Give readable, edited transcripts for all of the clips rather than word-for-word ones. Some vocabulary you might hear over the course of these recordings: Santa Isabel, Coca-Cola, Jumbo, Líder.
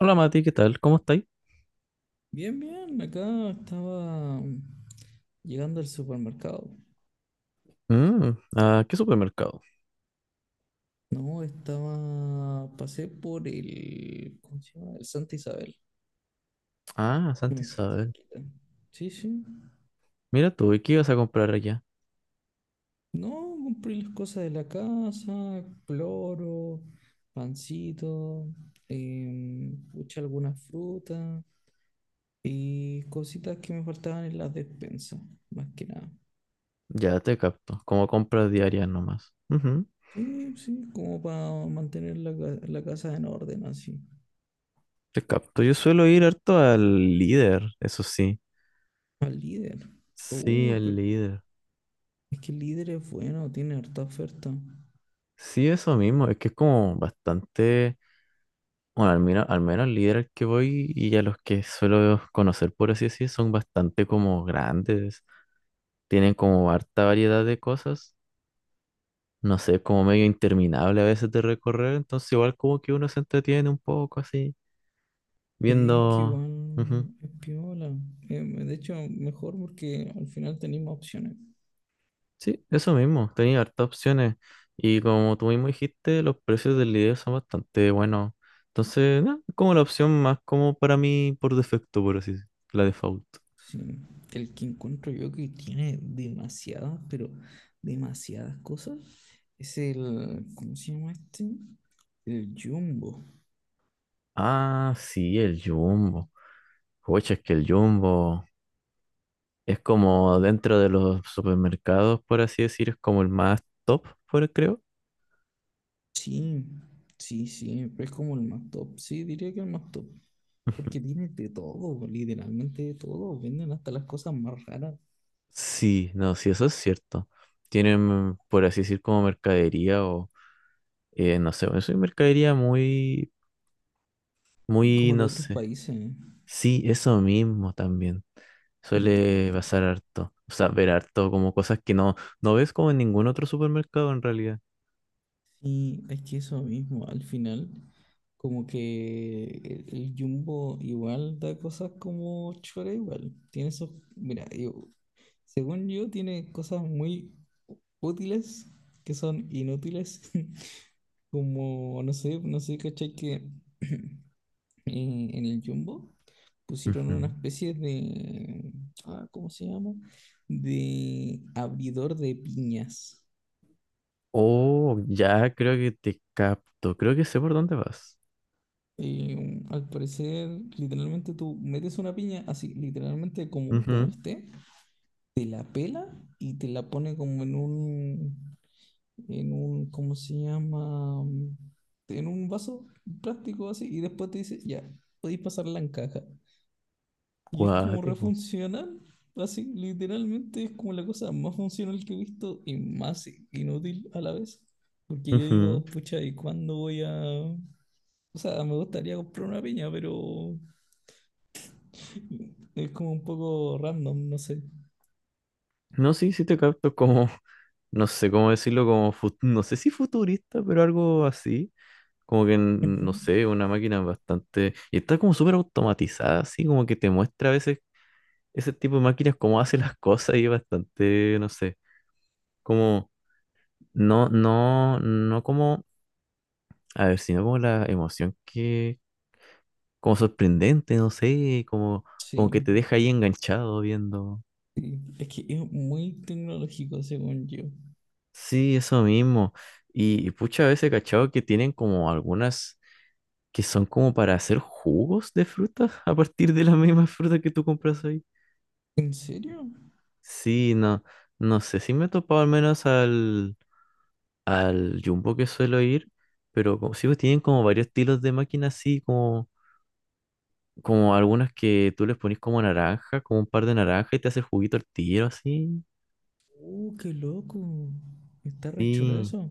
Hola Mati, ¿qué tal? ¿Cómo estáis? Bien, bien, acá estaba llegando al supermercado. Mm, ¿a qué supermercado? No, estaba, pasé por el, ¿cómo se llama? El Santa Isabel, Ah, que Santa me queda Isabel. cerquita. Sí, sí. Mira tú, ¿y qué ibas a comprar allá? No, compré las cosas de la casa, cloro, pancito, pucha, algunas frutas y cositas que me faltaban en la despensa, más que nada. Ya te capto, como compras diarias nomás. Ujú, Sí, sí, como para mantener la casa en orden así. te capto. Yo suelo ir harto al líder, eso sí. Al líder. Sí, Oh, el pero líder. es que el líder es bueno, tiene harta oferta. Sí, eso mismo, es que es como bastante. Bueno, al menos, al menos al líder al que voy y a los que suelo conocer, por así decir, son bastante como grandes. Tienen como harta variedad de cosas, no sé, es como medio interminable a veces de recorrer, entonces igual como que uno se entretiene un poco así, Sí, es que viendo. Ujú. igual es piola. De hecho, mejor porque al final tenéis más opciones. Sí, eso mismo, tenía hartas opciones y como tú mismo dijiste, los precios del video son bastante buenos, entonces no, es como la opción más como para mí por defecto, por así decirlo, la default. Sí. El que encuentro yo que tiene demasiadas, pero demasiadas cosas, es el, ¿cómo se llama este? El Jumbo. Ah, sí, el Jumbo. Oye, es que el Jumbo es como dentro de los supermercados, por así decir, es como el más top, por creo. Sí, sí, sí, pero es como el más top. Sí, diría que el más top. Porque tiene de todo, literalmente de todo. Venden hasta las cosas más raras, Sí, no, sí, eso es cierto. Tienen, por así decir, como mercadería o, no sé, eso es mercadería muy, muy, como de no otros sé. países. Sí, eso mismo también. Suele pasar harto. O sea, ver harto como cosas que no, no ves como en ningún otro supermercado en realidad. Y es que eso mismo, al final, como que el Jumbo igual da cosas como chora igual. Tiene esos, mira, según yo, tiene cosas muy útiles que son inútiles. Como, no sé, ¿cachai? Que en, en el Jumbo pusieron Ujú. una especie de, ah, ¿cómo se llama? De abridor de piñas. Oh, ya creo que te capto. Creo que sé por dónde vas. Y mm, al parecer, literalmente tú metes una piña así, literalmente como, como Ujú. esté, te la pela y te la pone como en un, ¿cómo se llama? Mm, en un vaso plástico así y después te dice, ya, podéis pasarla en caja. Y es como Cuático. refuncional, así, literalmente es como la cosa más funcional que he visto y más inútil a la vez. Porque yo Ujú. digo, pucha, ¿y cuándo voy a...? O sea, me gustaría comprar una piña, pero es como un poco random, no sé. No, sí, sí te capto, como no sé cómo decirlo, como, no sé si futurista, pero algo así. Como que, Ujú. no sé, una máquina bastante. Y está como súper automatizada, así como que te muestra a veces ese tipo de máquinas cómo hace las cosas y es bastante, no sé, como, no, no, no como, a ver, sino como la emoción que, como sorprendente, no sé, como, como que Sí, te deja ahí enganchado viendo. sí. Es que es muy tecnológico, según yo. Sí, eso mismo. Y pucha, a veces, he cachado, que tienen como algunas que son como para hacer jugos de frutas a partir de las mismas frutas que tú compras ahí. ¿En serio? Sí, no, no sé si me he topado al menos al, al Jumbo que suelo ir, pero como, sí, pues tienen como varios estilos de máquinas así, como, como algunas que tú les pones como naranja, como un par de naranja y te hace el juguito al tiro, así. Qué loco. Está re chulo Sí, eso.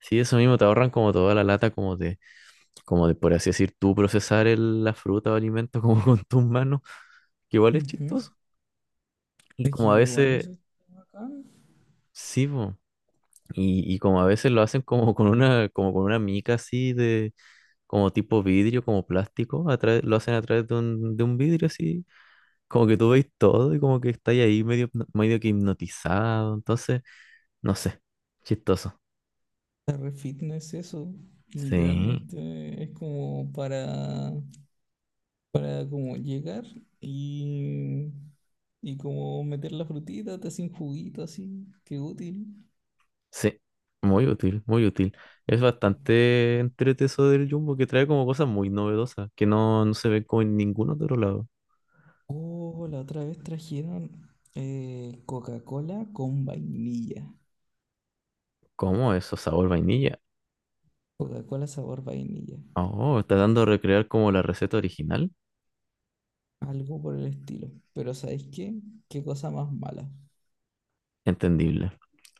sí, eso mismo, te ahorran como toda la lata, como de por así decir, tú procesar la fruta o alimento como con tus manos, que igual es Ujú. chistoso. Y Es que como a igual veces, eso está bacán. sí, po. Y como a veces lo hacen como con una mica así de, como tipo vidrio, como plástico, lo hacen a través de un vidrio así, como que tú veis todo y como que estáis ahí medio, medio que hipnotizado, entonces, no sé, chistoso. Está re fitness eso. Sí, Literalmente es como para como llegar y, y como meter la frutita, te hacen juguito así. Qué útil. sí, muy útil, muy útil. Es bastante entrete eso del Jumbo que trae como cosas muy novedosas, que no, no se ven como en ningún otro lado. Oh, la otra vez trajeron Coca-Cola con vainilla. ¿Cómo eso? Sabor vainilla. Coca-Cola sabor vainilla. Oh, está dando a recrear como la receta original. Algo por el estilo. Pero ¿sabéis qué? Qué cosa más mala. Entendible.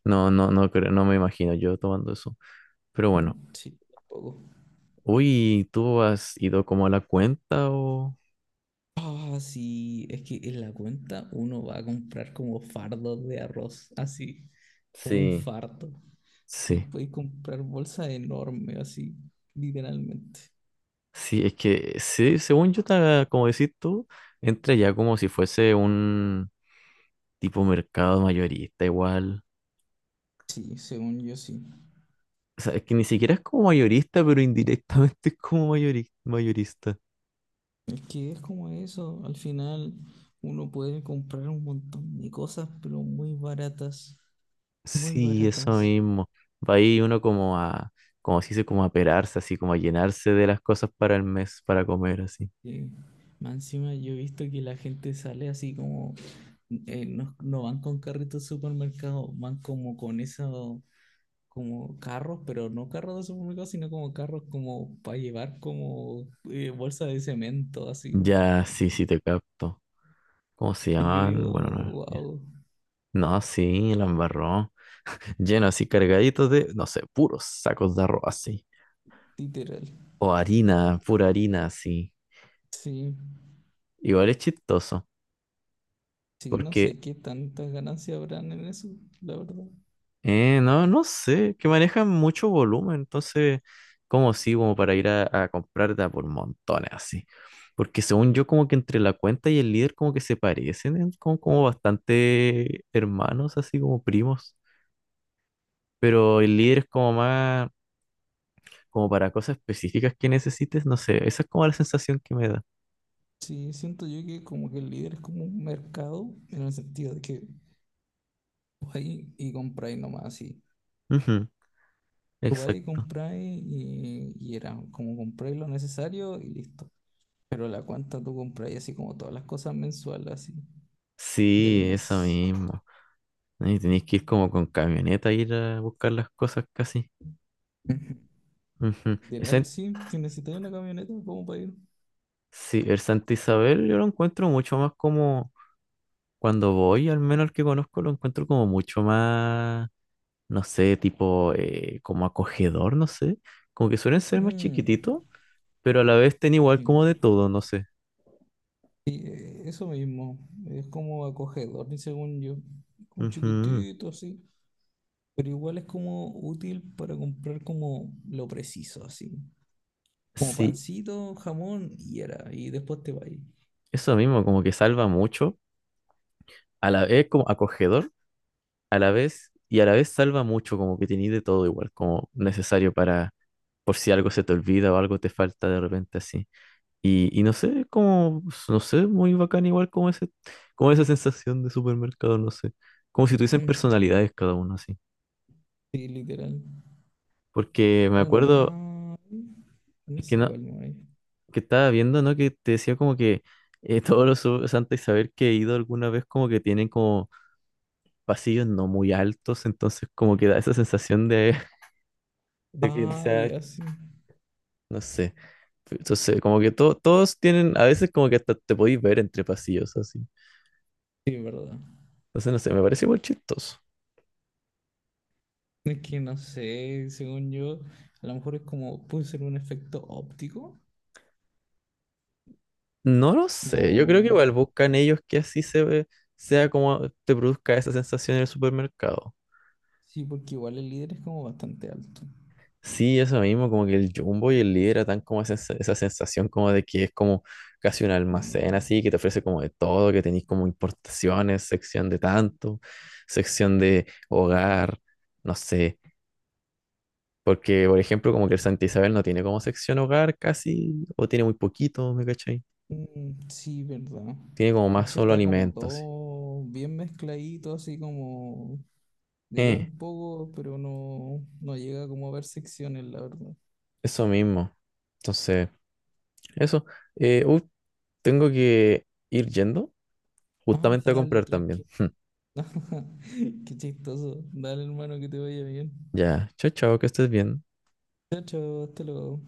No, no, no creo, no me imagino yo tomando eso. Pero bueno, Sí, tampoco. uy, ¿tú has ido como a la cuenta o? Ah, sí, es que en la cuenta uno va a comprar como fardos de arroz, así, como un Sí, fardo. Así que sí, podéis comprar bolsa enorme, así, literalmente. sí, es que sí, según yo, como decís tú, entra ya como si fuese un tipo mercado mayorista igual. Sí, según yo sí. O sea, es que ni siquiera es como mayorista, pero indirectamente es como mayorista. Es que es como eso, al final uno puede comprar un montón de cosas, pero muy baratas, muy Sí, eso baratas. mismo. Va ahí uno como a, como si se dice, como a perarse, así como a llenarse de las cosas para el mes, para comer, así. Sí. Más encima yo he visto que la gente sale así como, no, no van con carritos de supermercado, van como con esos, como carros, pero no carros de supermercado, sino como carros como para llevar como bolsa de cemento, así. Ya, sí, sí, te capto. ¿Cómo se Y yo llamaban? digo, Bueno, no, ya. wow, No, sí, la embarró. Lleno así, cargadito de, no sé, puros sacos de arroz así. literal. O harina, pura harina así. Sí. Igual es chistoso, Sí, no porque, sé qué tantas ganancias habrán en eso, la verdad. No, no sé, que manejan mucho volumen, entonces, como sí, como para ir a comprar de a por montones así. Porque según yo, como que entre la cuenta y el líder como que se parecen, como, como bastante hermanos, así como primos. Pero el líder es como más como para cosas específicas que necesites, no sé, esa es como la sensación que me da. Sí, siento yo que como que el líder es como un mercado, en el sentido de que vais y compráis nomás así. Ujú, Vais y exacto. compráis y era como compráis lo necesario y listo. Pero la cuenta tú compráis así como todas las cosas mensuales así del Sí, eso mes. mismo. Y tenéis que ir como con camioneta a ir a buscar las cosas casi. Ujú. Ujú. Literal, sí, que necesitáis una camioneta como para ir. Sí, el Santa Isabel yo lo encuentro mucho más como cuando voy, al menos el que conozco, lo encuentro como mucho más, no sé, tipo como acogedor, no sé. Como que suelen ser más Mm, chiquititos, pero a la vez ten igual como de sí. todo, no sé. Y eso mismo, es como acogedor, y según yo, como Ujú. chiquitito así. Pero igual es como útil para comprar como lo preciso, así. Como Sí, pancito, jamón y era. Y después te va ahí. eso mismo, como que salva mucho, a la vez como acogedor, a la vez, y a la vez salva mucho, como que tenéis de todo igual, como necesario para, por si algo se te olvida o algo te falta de repente así. Y no sé, como, no sé, muy bacán igual como ese, como esa sensación de supermercado, no sé, como si tuviesen Ujú. personalidades cada uno así. Sí, literal. Porque me ¿Cuál acuerdo más? No que sé no, cuál más hay. que estaba viendo, ¿no? Que te decía como que todos los Santa Isabel que he ido alguna vez como que tienen como pasillos no muy altos, entonces como que da esa sensación de, de que, o Ah, sea, ya sí. no sé. Entonces, como que todos tienen, a veces como que hasta te podéis ver entre pasillos así. Sí, es verdad. Entonces, no sé, me parece muy chistoso. Es que no sé, según yo, a lo mejor es como, puede ser un efecto óptico. No lo sé, yo creo que O... igual buscan ellos que así se ve, sea como te produzca esa sensación en el supermercado. Sí, porque igual el líder es como bastante alto. Sí, eso mismo, como que el Jumbo y el Líder dan como esa, esa sensación como de que es como casi un almacén Enorme. así, que te ofrece como de todo, que tenéis como importaciones, sección de tanto, sección de hogar, no sé, porque por ejemplo como que el Santa Isabel no tiene como sección hogar casi, o tiene muy poquito, ¿me cachai? Mm, sí, verdad. Tiene como De más hecho solo está como alimentos. todo bien mezcladito, así como de todo Eh, un poco, pero no, no llega como a ver secciones, la verdad. eso mismo. Entonces, eso. Eh, uh, tengo que ir yendo Ah, justamente a dale, comprar también. tranqui. Qué chistoso. Dale, hermano, que te vaya bien. Ya, chao, chao, que estés bien. Chao, chao, hasta luego.